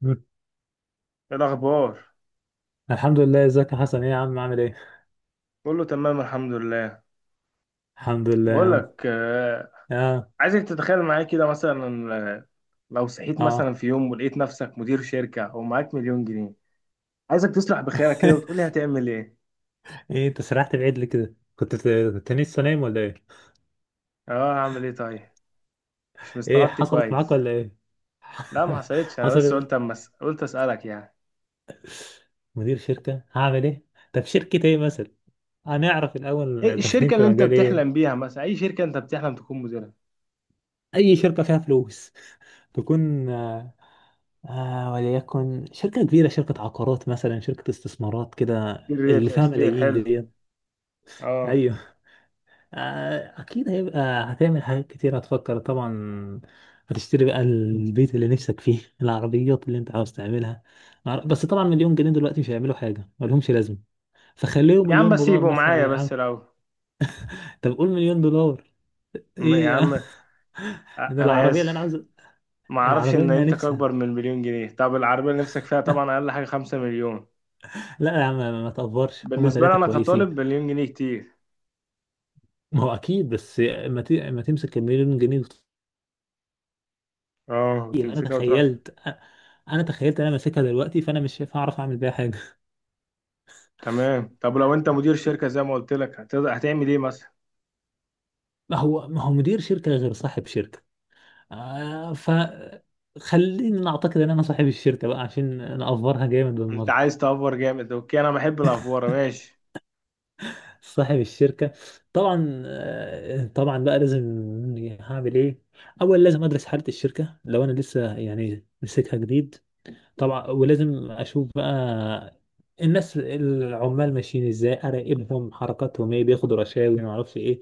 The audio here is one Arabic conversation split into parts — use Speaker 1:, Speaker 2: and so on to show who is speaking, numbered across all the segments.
Speaker 1: مم.
Speaker 2: ايه الاخبار؟
Speaker 1: الحمد لله، ازيك يا حسن؟ ايه يا عم، عامل ايه؟
Speaker 2: كله تمام الحمد لله.
Speaker 1: الحمد لله يا
Speaker 2: بقول
Speaker 1: عم.
Speaker 2: لك،
Speaker 1: اه.
Speaker 2: عايزك تتخيل معايا كده مثلا، لو صحيت
Speaker 1: اه.
Speaker 2: مثلا في يوم ولقيت نفسك مدير شركة ومعاك مليون جنيه. عايزك تصلح بخيرك كده وتقولي هتعمل ايه.
Speaker 1: ايه، انت سرحت بعيد ليه كده؟ كنت لسه نايم ولا ايه؟
Speaker 2: اه، هعمل ايه طيب؟ مش
Speaker 1: ايه،
Speaker 2: مستغطي
Speaker 1: حصلت معاك
Speaker 2: كويس.
Speaker 1: ولا ايه؟
Speaker 2: لا ما حصلتش، انا بس قلت
Speaker 1: حصلت.
Speaker 2: قلت اسالك يعني.
Speaker 1: مدير شركة هعمل ايه؟ طب شركة ايه مثلا؟ هنعرف
Speaker 2: ايه
Speaker 1: الاول داخلين
Speaker 2: الشركة
Speaker 1: في
Speaker 2: اللي انت
Speaker 1: مجال ايه.
Speaker 2: بتحلم بيها مثلا؟ اي شركة انت بتحلم تكون مديرها؟
Speaker 1: اي شركة فيها فلوس تكون وليكن شركة كبيرة، شركة عقارات مثلا، شركة استثمارات كده.
Speaker 2: ريت
Speaker 1: اللي فيها
Speaker 2: استيل
Speaker 1: ملايين
Speaker 2: حلو.
Speaker 1: دي.
Speaker 2: اه
Speaker 1: اكيد هيبقى هتعمل حاجات كتير، هتفكر طبعا. هتشتري بقى البيت اللي نفسك فيه، العربيات اللي انت عاوز تعملها. بس طبعا مليون جنيه دلوقتي مش هيعملوا حاجه، مالهمش لازمه. فخليهم
Speaker 2: يا عم،
Speaker 1: مليون
Speaker 2: بس
Speaker 1: دولار
Speaker 2: يبقوا
Speaker 1: مثلا
Speaker 2: معايا
Speaker 1: يا عم.
Speaker 2: بس لو.
Speaker 1: طب قول مليون دولار.
Speaker 2: يا
Speaker 1: ايه يا عم؟
Speaker 2: عم،
Speaker 1: ده
Speaker 2: انا
Speaker 1: العربيه اللي انا
Speaker 2: اسف.
Speaker 1: عاوز،
Speaker 2: ما اعرفش
Speaker 1: العربيه
Speaker 2: ان
Speaker 1: اللي انا
Speaker 2: قيمتك
Speaker 1: نفسي.
Speaker 2: اكبر من مليون جنيه. طب العربيه اللي نفسك فيها طبعا اقل حاجه خمسة مليون.
Speaker 1: لا يا عم، ما تقفرش، هما
Speaker 2: بالنسبه لي
Speaker 1: 3
Speaker 2: انا
Speaker 1: كويسين.
Speaker 2: كطالب، مليون جنيه كتير.
Speaker 1: ما هو اكيد، بس. ما تمسك المليون جنيه وتطير.
Speaker 2: اه،
Speaker 1: انا
Speaker 2: تمسكها وتروح.
Speaker 1: تخيلت انا تخيلت انا ماسكها دلوقتي، فانا مش هعرف اعمل بيها حاجه.
Speaker 2: تمام، طب لو انت مدير شركه زي ما قلت لك، هتعمل ايه مثلا؟
Speaker 1: ما هو مدير شركة غير صاحب شركة. فخليني نعتقد ان انا صاحب الشركة بقى عشان نأفرها جامد
Speaker 2: انت
Speaker 1: بالمرة.
Speaker 2: عايز تافور جامد؟ اوكي، انا بحب الافوره، ماشي.
Speaker 1: صاحب الشركة، طبعا، طبعا بقى لازم هعمل ايه. اول لازم ادرس حالة الشركة لو انا لسه يعني ماسكها جديد. طبعا ولازم اشوف بقى الناس العمال ماشيين ازاي، اراقبهم حركاتهم ايه، بياخدوا رشاوي، ما اعرفش ايه.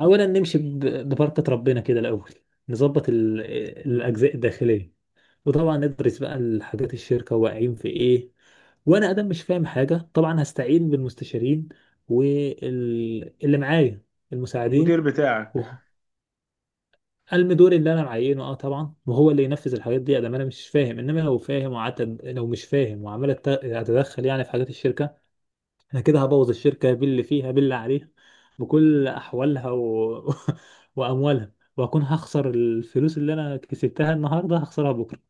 Speaker 1: اولا نمشي ببركة ربنا كده الاول. نظبط الاجزاء الداخلية. وطبعا ندرس بقى الحاجات الشركة واقعين في ايه. وانا ادم مش فاهم حاجة، طبعا هستعين بالمستشارين واللي معايا،
Speaker 2: المدير
Speaker 1: المساعدين.
Speaker 2: بتاعك.
Speaker 1: المي دوري اللي انا معينه، اه طبعا، وهو اللي ينفذ الحاجات دي ادام انا مش فاهم، انما لو فاهم وقعدت، لو مش فاهم وعمال اتدخل يعني في حاجات الشركه، انا كده هبوظ الشركه باللي فيها باللي عليها بكل احوالها واموالها، واكون هخسر الفلوس اللي انا كسبتها النهارده هخسرها بكره.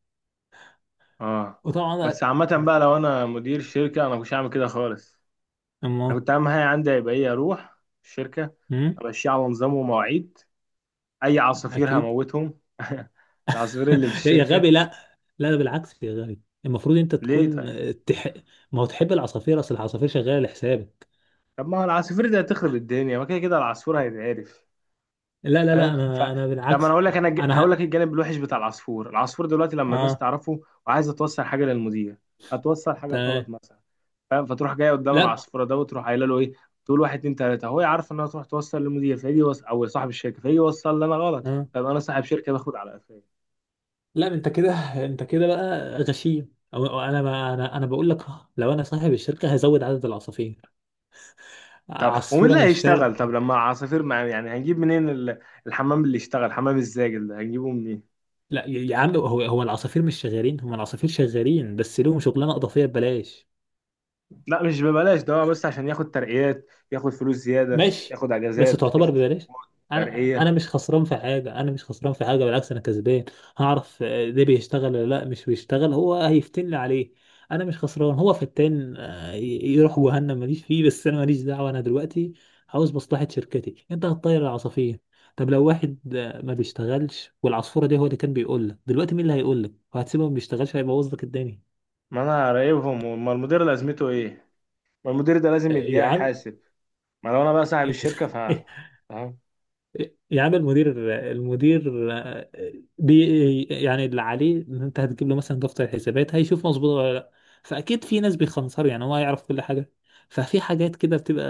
Speaker 2: اه.
Speaker 1: وطبعا.
Speaker 2: بس عامه بقى، لو انا مدير شركه، انا مش هعمل كده خالص.
Speaker 1: اما
Speaker 2: انا كنت اهم حاجه عندي هيبقى ايه، اروح الشركه،
Speaker 1: أمم،
Speaker 2: امشيها على نظام ومواعيد. اي عصافير
Speaker 1: اكيد.
Speaker 2: هموتهم العصافير اللي في
Speaker 1: يا
Speaker 2: الشركه.
Speaker 1: غبي، لا. لا، ده بالعكس يا غبي، المفروض انت
Speaker 2: ليه
Speaker 1: تكون
Speaker 2: طيب؟
Speaker 1: تح... ما هو تحب العصافير، اصل العصافير شغاله لحسابك.
Speaker 2: طب ما هو العصافير دي هتخرب الدنيا، ما كده كده العصفور هيتعرف.
Speaker 1: لا لا لا،
Speaker 2: فاهم؟ ف
Speaker 1: انا
Speaker 2: طب ما انا
Speaker 1: بالعكس.
Speaker 2: اقول لك،
Speaker 1: انا
Speaker 2: هقول لك
Speaker 1: ه...
Speaker 2: الجانب الوحش بتاع العصفور. العصفور دلوقتي لما الناس
Speaker 1: اه،
Speaker 2: تعرفه وعايزه توصل حاجه للمدير، هتوصل حاجه
Speaker 1: تمام.
Speaker 2: غلط مثلا. فاهم؟ فتروح جايه قدام
Speaker 1: لا.
Speaker 2: العصفوره ده وتروح قايله له ايه، تقول واحد اتنين تلاته، هو عارف انها تروح توصل للمدير، او صاحب الشركه فيجي يوصل لي انا غلط.
Speaker 1: آه.
Speaker 2: فابقى انا صاحب شركه باخد على قفايا.
Speaker 1: لا، انت كده، انت كده بقى غشيم، أو انا بقى، انا بقول لك لو انا صاحب الشركه هزود عدد العصافير.
Speaker 2: طب ومين
Speaker 1: عصفوره
Speaker 2: اللي
Speaker 1: من الشرق.
Speaker 2: هيشتغل؟ طب لما يعني هنجيب منين الحمام اللي يشتغل، حمام الزاجل ده هنجيبه منين؟
Speaker 1: لا يا عم، هو العصافير مش شغالين، هم العصافير شغالين بس لهم شغلانه اضافيه ببلاش.
Speaker 2: لا، مش ببلاش ده، هو بس عشان ياخد ترقيات، ياخد فلوس زيادة،
Speaker 1: ماشي.
Speaker 2: ياخد
Speaker 1: بس
Speaker 2: اجازات،
Speaker 1: تعتبر
Speaker 2: ياخد
Speaker 1: ببلاش.
Speaker 2: خروجات،
Speaker 1: انا
Speaker 2: ترقية.
Speaker 1: انا مش خسران في حاجه، انا مش خسران في حاجه، بالعكس انا كسبان. هعرف ده بيشتغل ولا لا، مش بيشتغل، هو هيفتن لي عليه. انا مش خسران، هو فتان، يروح جهنم ماليش فيه، بس انا ماليش دعوه، انا دلوقتي عاوز مصلحه شركتي، انت هتطير العصافير. طب لو واحد ما بيشتغلش والعصفوره دي هو اللي كان بيقول لك دلوقتي، مين اللي هيقول لك وهتسيبه ما بيشتغلش؟ هيبوظ لك الدنيا.
Speaker 2: ما انا راقبهم، ما المدير لازمته ايه؟ ما المدير ده لازم
Speaker 1: يا عم.
Speaker 2: يحاسب. ما لو انا بقى صاحب الشركة، ف فاهم.
Speaker 1: يا عم المدير، المدير آه، بي يعني اللي عليه ان انت هتجيب له مثلا دفتر الحسابات، هيشوف مظبوط ولا لا. فاكيد في ناس بيخنصروا، يعني هو يعرف كل حاجه. ففي حاجات كده بتبقى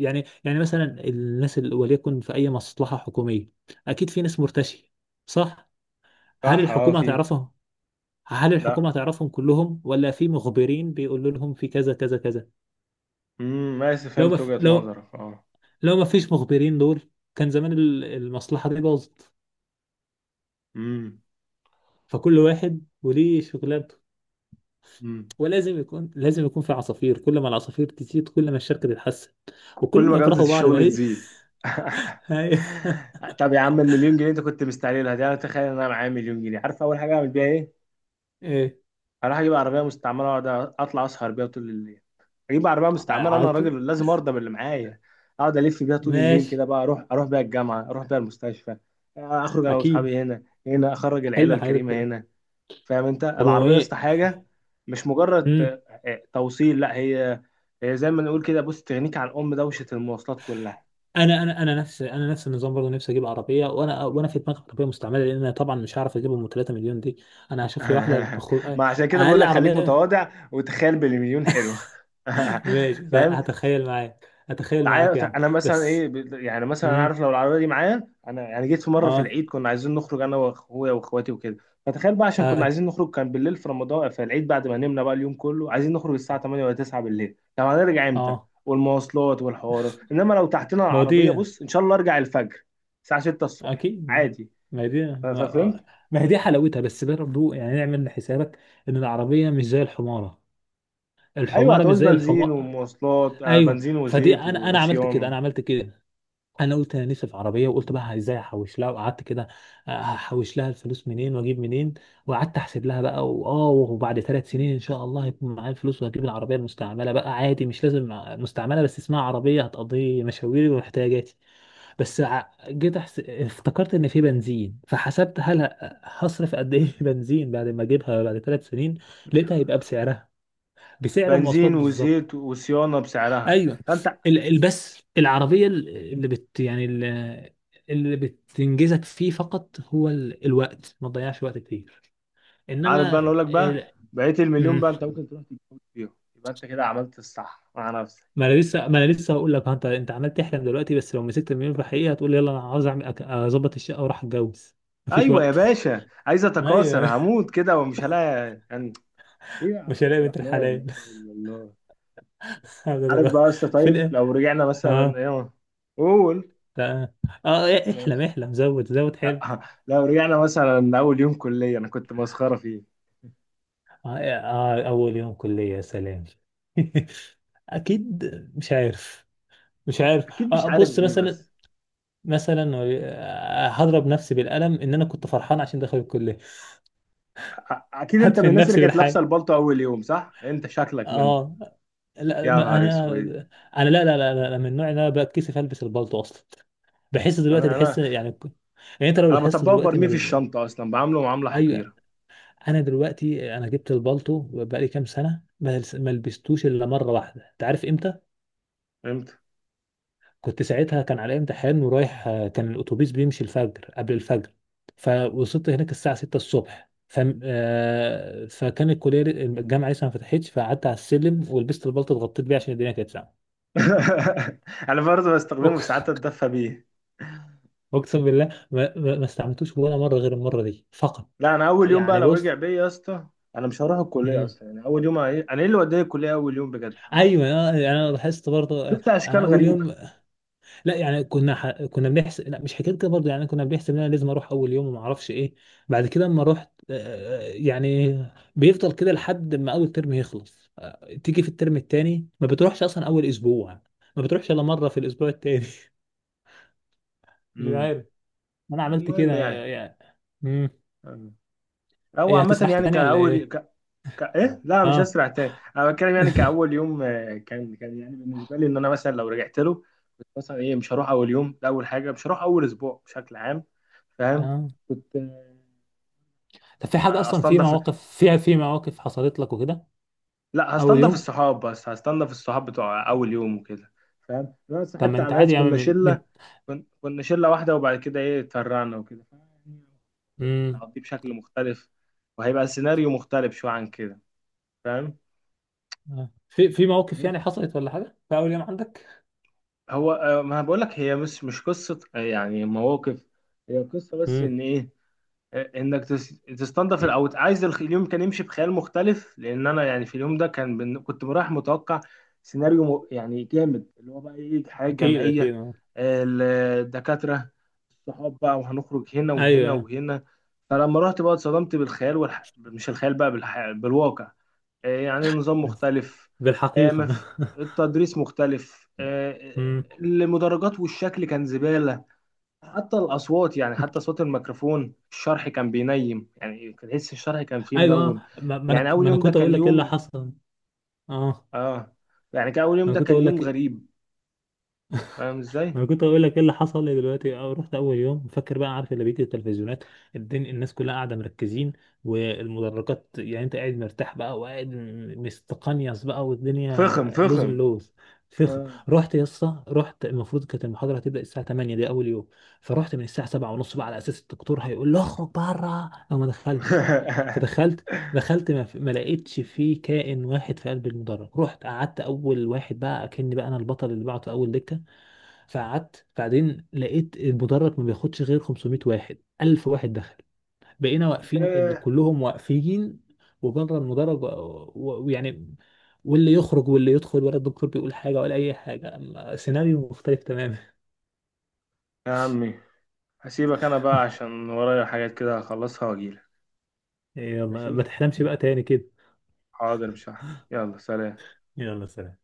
Speaker 1: يعني مثلا، الناس اللي وليكن في اي مصلحه حكوميه اكيد في ناس مرتشيه، صح. هل
Speaker 2: صح، اه،
Speaker 1: الحكومه
Speaker 2: في.
Speaker 1: هتعرفهم؟ هل
Speaker 2: لا.
Speaker 1: الحكومه هتعرفهم كلهم، ولا في مخبرين بيقولوا لهم في كذا كذا كذا؟
Speaker 2: امم، ماشي،
Speaker 1: لو ما
Speaker 2: فهمت
Speaker 1: في
Speaker 2: وجهة
Speaker 1: لو
Speaker 2: نظرك، اه.
Speaker 1: لو ما فيش مخبرين دول، كان زمان المصلحه دي باظت.
Speaker 2: امم.
Speaker 1: فكل واحد وليه شغلانته.
Speaker 2: امم.
Speaker 1: ولازم يكون في عصافير، كل ما العصافير تزيد كل ما الشركة تتحسن،
Speaker 2: كل
Speaker 1: وكل
Speaker 2: ما
Speaker 1: ما
Speaker 2: جودة
Speaker 1: يكرهوا بعض ما
Speaker 2: الشغل
Speaker 1: ليه.
Speaker 2: تزيد
Speaker 1: هاي-
Speaker 2: طب يا عم المليون جنيه انت كنت مستعجلها دي، انا تخيل ان انا معايا مليون جنيه، عارف اول حاجة اعمل بيها ايه؟
Speaker 1: ايه،
Speaker 2: هروح اجيب عربية مستعملة واقعد اطلع اسهر بيها طول الليل. اجيب عربيه مستعمله، انا
Speaker 1: عاطل.
Speaker 2: راجل لازم ارضى باللي معايا. اقعد الف بيها طول الليل
Speaker 1: ماشي.
Speaker 2: كده بقى، اروح اروح بيها الجامعه، اروح بيها المستشفى، اخرج انا
Speaker 1: اكيد
Speaker 2: واصحابي هنا هنا، اخرج العيله
Speaker 1: حلم حياتك
Speaker 2: الكريمه
Speaker 1: دلوقتي.
Speaker 2: هنا. فاهم؟ انت
Speaker 1: طب هو
Speaker 2: العربيه يا اسطى
Speaker 1: ايه؟
Speaker 2: حاجه. مش مجرد
Speaker 1: امم
Speaker 2: توصيل، لا. هي هي زي ما نقول كده، بص، تغنيك عن ام دوشه المواصلات كلها
Speaker 1: انا نفس النظام برضه، نفسي اجيب عربيه، وانا في دماغي عربيه مستعمله، لان انا طبعا مش هعرف اجيبهم 3 مليون دي. انا هشوف لي واحده
Speaker 2: ما عشان كده بقول
Speaker 1: اقل
Speaker 2: لك، خليك
Speaker 1: عربيه.
Speaker 2: متواضع وتخيل بالمليون حلو
Speaker 1: ماشي،
Speaker 2: فاهم؟
Speaker 1: هتخيل معاك
Speaker 2: تعالى
Speaker 1: يعني،
Speaker 2: انا مثلا ايه،
Speaker 1: بس.
Speaker 2: يعني مثلا انا
Speaker 1: امم
Speaker 2: عارف، لو العربيه دي معايا، انا يعني جيت في مره في
Speaker 1: اه.
Speaker 2: العيد كنا عايزين نخرج انا واخويا واخواتي وكده. فتخيل بقى، عشان كنا
Speaker 1: اي.
Speaker 2: عايزين نخرج، كان بالليل في رمضان في العيد، بعد ما نمنا بقى اليوم كله عايزين نخرج الساعه 8 ولا 9 بالليل، طب هنرجع امتى؟
Speaker 1: اه.
Speaker 2: والمواصلات والحوار. انما لو تحتنا
Speaker 1: ما هو دي.
Speaker 2: العربيه، بص ان شاء الله ارجع الفجر، الساعه 6 الصبح
Speaker 1: اكيد.
Speaker 2: عادي.
Speaker 1: ما هي دي،
Speaker 2: ففهمت.
Speaker 1: ما هي دي حلاوتها، بس برضه يعني نعمل حسابك ان العربيه مش زي الحماره،
Speaker 2: ايوه،
Speaker 1: الحماره مش
Speaker 2: هتعوز
Speaker 1: زي
Speaker 2: بنزين
Speaker 1: الحمار.
Speaker 2: ومواصلات،
Speaker 1: ايوه.
Speaker 2: بنزين
Speaker 1: فدي،
Speaker 2: وزيت
Speaker 1: انا عملت كده،
Speaker 2: وصيانه.
Speaker 1: انا عملت كده. انا قلت انا نفسي في عربيه، وقلت بقى ازاي احوش لها، وقعدت كده احوش لها الفلوس منين واجيب منين. وقعدت احسب لها بقى، وبعد 3 سنين ان شاء الله هيكون معايا الفلوس، وهجيب العربيه المستعمله بقى عادي، مش لازم. مستعمله، بس اسمها عربيه، هتقضي مشاويري واحتياجاتي. بس جيت افتكرت ان في بنزين، فحسبت هصرف قد ايه في بنزين بعد ما اجيبها بعد 3 سنين، لقيتها هيبقى بسعرها، بسعر المواصلات
Speaker 2: بنزين
Speaker 1: بالظبط.
Speaker 2: وزيت وصيانه بسعرها.
Speaker 1: ايوه.
Speaker 2: فانت
Speaker 1: بس العربيه اللي اللي بتنجزك فيه فقط هو الوقت، ما تضيعش وقت كتير.
Speaker 2: عارف بقى، انا
Speaker 1: انما
Speaker 2: اقول لك بقى، بقيت المليون
Speaker 1: مم.
Speaker 2: بقى انت ممكن تروح تتجوز فيهم، يبقى انت كده عملت الصح مع نفسك.
Speaker 1: ما انا لسه هقول لك، ها انت عمال تحلم دلوقتي، بس لو مسكت المليون في الحقيقه هتقول: يلا انا عاوز اعمل، اظبط الشقه واروح اتجوز. مفيش
Speaker 2: ايوه يا
Speaker 1: وقت.
Speaker 2: باشا، عايز اتكاثر،
Speaker 1: ايوه.
Speaker 2: هموت كده ومش هلاقي يعني. ايه يا
Speaker 1: مش
Speaker 2: عبد
Speaker 1: هلاقي بنت
Speaker 2: الرحمن، لا
Speaker 1: الحلال.
Speaker 2: اله الا الله. عارف بقى
Speaker 1: هتتغ-
Speaker 2: يا اسطى؟
Speaker 1: في
Speaker 2: طيب
Speaker 1: الآ-
Speaker 2: لو رجعنا مثلا
Speaker 1: اه،
Speaker 2: ايه، قول.
Speaker 1: لا، احلم
Speaker 2: ماشي
Speaker 1: احلم، زود زود حلم.
Speaker 2: أه، لو رجعنا مثلا اول يوم كليه، انا كنت مسخره فيه.
Speaker 1: آه, إيه، آه اول يوم كلية، يا سلام! اكيد. مش عارف. مش عارف.
Speaker 2: اكيد مش عارف
Speaker 1: بص
Speaker 2: ايه
Speaker 1: مثلا،
Speaker 2: بس.
Speaker 1: مثلا، هضرب نفسي بالقلم ان انا كنت فرحان عشان دخل الكلية.
Speaker 2: اكيد انت من
Speaker 1: هدفن
Speaker 2: الناس اللي
Speaker 1: نفسي
Speaker 2: كانت لابسه
Speaker 1: بالحياة.
Speaker 2: البلطو اول يوم، صح؟ انت شكلك منهم.
Speaker 1: اه. لا،
Speaker 2: يا
Speaker 1: ما
Speaker 2: نهار
Speaker 1: انا،
Speaker 2: اسود.
Speaker 1: انا لا لا لا, لا لا، من النوع اللي انا بتكسف البس البلطو اصلا. بحس دلوقتي،
Speaker 2: انا
Speaker 1: تحس
Speaker 2: انا
Speaker 1: يعني، يعني انت لو
Speaker 2: انا
Speaker 1: لاحظت
Speaker 2: بطبقه
Speaker 1: دلوقتي
Speaker 2: وبرميه
Speaker 1: ما
Speaker 2: في
Speaker 1: بي...
Speaker 2: الشنطه اصلا، بعامله معامله
Speaker 1: اي.
Speaker 2: حقيره.
Speaker 1: انا دلوقتي، انا جبت البالطو بقالي كام سنه، ما لبستوش الا مره واحده، انت عارف امتى؟
Speaker 2: فهمت
Speaker 1: كنت ساعتها، كان علي امتحان ورايح، كان الاتوبيس بيمشي الفجر قبل الفجر، فوصلت هناك الساعه 6 الصبح، ف آه، فكان الكليه الجامعه لسه ما فتحتش، فقعدت على السلم، ولبست البلطو اتغطيت بيه عشان الدنيا كانت ساقعه.
Speaker 2: انا برضه بستخدمه في ساعات
Speaker 1: أق-
Speaker 2: اتدفى بيه.
Speaker 1: اقسم بالله ما استعملتوش ولا مره غير المره دي فقط.
Speaker 2: لا انا اول يوم بقى
Speaker 1: يعني
Speaker 2: لو رجع
Speaker 1: بص.
Speaker 2: بيا يا اسطى، انا مش هروح الكليه
Speaker 1: مم.
Speaker 2: اصلا يعني. اول يوم انا ايه اللي وداني الكليه اول يوم بجد؟
Speaker 1: ايوه، يعني انا لاحظت برضه،
Speaker 2: شفت
Speaker 1: انا
Speaker 2: اشكال
Speaker 1: اول
Speaker 2: غريبه.
Speaker 1: يوم، لا يعني كنا بنحسب، لا مش حكايه كده برضه، يعني كنا بنحسب ان انا لازم اروح اول يوم وما اعرفش ايه. بعد كده اما رحت، يعني بيفضل كده لحد ما اول ترم يخلص، تيجي في الترم التاني ما بتروحش اصلا اول اسبوع، ما بتروحش الا مره في الاسبوع التاني. مش
Speaker 2: امم.
Speaker 1: عارف. انا عملت كده،
Speaker 2: المهم يعني.
Speaker 1: يعني. امم
Speaker 2: او
Speaker 1: ايه،
Speaker 2: عامه
Speaker 1: هتسرح
Speaker 2: يعني
Speaker 1: تاني ولا ايه؟
Speaker 2: ايه، لا مش
Speaker 1: اه.
Speaker 2: هسرع تاني، انا بتكلم يعني كاول يوم، كان يعني بالنسبه لي ان انا مثلا لو رجعت له، كنت مثلا ايه، مش هروح اول يوم ده، اول حاجه مش هروح اول اسبوع بشكل عام. فاهم؟
Speaker 1: اه.
Speaker 2: كنت
Speaker 1: طب في حاجه اصلا، في
Speaker 2: هستنضف.
Speaker 1: مواقف فيها، في مواقف حصلت لك وكده،
Speaker 2: لا،
Speaker 1: اول
Speaker 2: هستنضف
Speaker 1: يوم.
Speaker 2: الصحاب، بس هستنضف الصحاب بتوع اول يوم وكده. فاهم؟ لو انا
Speaker 1: طب ما
Speaker 2: صاحبت
Speaker 1: انت
Speaker 2: على
Speaker 1: عادي
Speaker 2: ناس
Speaker 1: يا
Speaker 2: كنا
Speaker 1: عم، من،
Speaker 2: شله، كنا شله واحده، وبعد كده ايه اتفرعنا وكده، فيعني اليوم كنت
Speaker 1: من.
Speaker 2: هقضيه بشكل مختلف، وهيبقى السيناريو مختلف شويه عن كده. فاهم؟
Speaker 1: في مواقف
Speaker 2: بس
Speaker 1: يعني حصلت ولا حاجة في أول يوم عندك؟
Speaker 2: هو ما بقول لك، هي مش قصه يعني مواقف. هي قصه بس
Speaker 1: مم.
Speaker 2: ان ايه، انك تستنضف او عايز اليوم كان يمشي بخيال مختلف، لان انا يعني في اليوم ده كنت رايح متوقع يعني جامد، اللي هو بقى ايه، حياه
Speaker 1: أكيد، أكيد،
Speaker 2: جمعيه،
Speaker 1: آه.
Speaker 2: ال- الدكاتره، الصحاب بقى، وهنخرج هنا وهنا
Speaker 1: أيوه.
Speaker 2: وهنا. فلما رحت بقى اتصدمت بالخيال مش الخيال بقى بالواقع. يعني نظام مختلف، آه،
Speaker 1: بالحقيقة.
Speaker 2: مف... التدريس مختلف،
Speaker 1: مم.
Speaker 2: المدرجات والشكل كان زباله. حتى الأصوات يعني، حتى صوت الميكروفون، الشرح كان بينيم، يعني كان تحس الشرح كان فيه
Speaker 1: أيوه،
Speaker 2: منوم.
Speaker 1: ما ما أنا
Speaker 2: يعني أول
Speaker 1: ما أنا
Speaker 2: يوم ده
Speaker 1: كنت أقول
Speaker 2: كان
Speaker 1: لك إيه اللي
Speaker 2: يوم،
Speaker 1: حصل. أه
Speaker 2: آه، يعني كان أول يوم
Speaker 1: أنا
Speaker 2: ده
Speaker 1: كنت
Speaker 2: كان
Speaker 1: أقول
Speaker 2: يوم
Speaker 1: لك
Speaker 2: غريب. فاهم إزاي؟
Speaker 1: انا كنت اقول لك ايه اللي حصل لي دلوقتي. رحت اول يوم، فاكر بقى، عارف اللي بيجي التلفزيونات، الدنيا، الناس كلها قاعده مركزين، والمدرجات، يعني انت قاعد مرتاح بقى، وقاعد مستقنيص بقى،
Speaker 2: فخم
Speaker 1: والدنيا لوز
Speaker 2: فخم.
Speaker 1: اللوز، فخم.
Speaker 2: آه
Speaker 1: رحت، المفروض كانت المحاضره هتبدا الساعه 8، دي اول يوم، فرحت من الساعه 7 ونص بقى على اساس الدكتور هيقول له اخرج بره لو ما دخلتش. فدخلت، دخلت، ما لقيتش فيه كائن واحد في قلب المدرج، رحت قعدت اول واحد، بقى اكني بقى انا البطل اللي بعته اول دكه. فقعدت، بعدين لقيت المدرج ما بياخدش غير 500 واحد، 1000 واحد دخل، بقينا واقفين،
Speaker 2: إيه
Speaker 1: كلهم واقفين، وبره المدرج، ويعني، واللي يخرج واللي يدخل، ولا الدكتور بيقول حاجة ولا أي حاجة، أما سيناريو مختلف تماما.
Speaker 2: يا عمي، هسيبك أنا بقى عشان ورايا حاجات كده هخلصها وأجيلك.
Speaker 1: يلا،
Speaker 2: ماشي؟
Speaker 1: ما تحلمش بقى تاني كده.
Speaker 2: حاضر، مش هحب. يلا سلام.
Speaker 1: يلا سلام.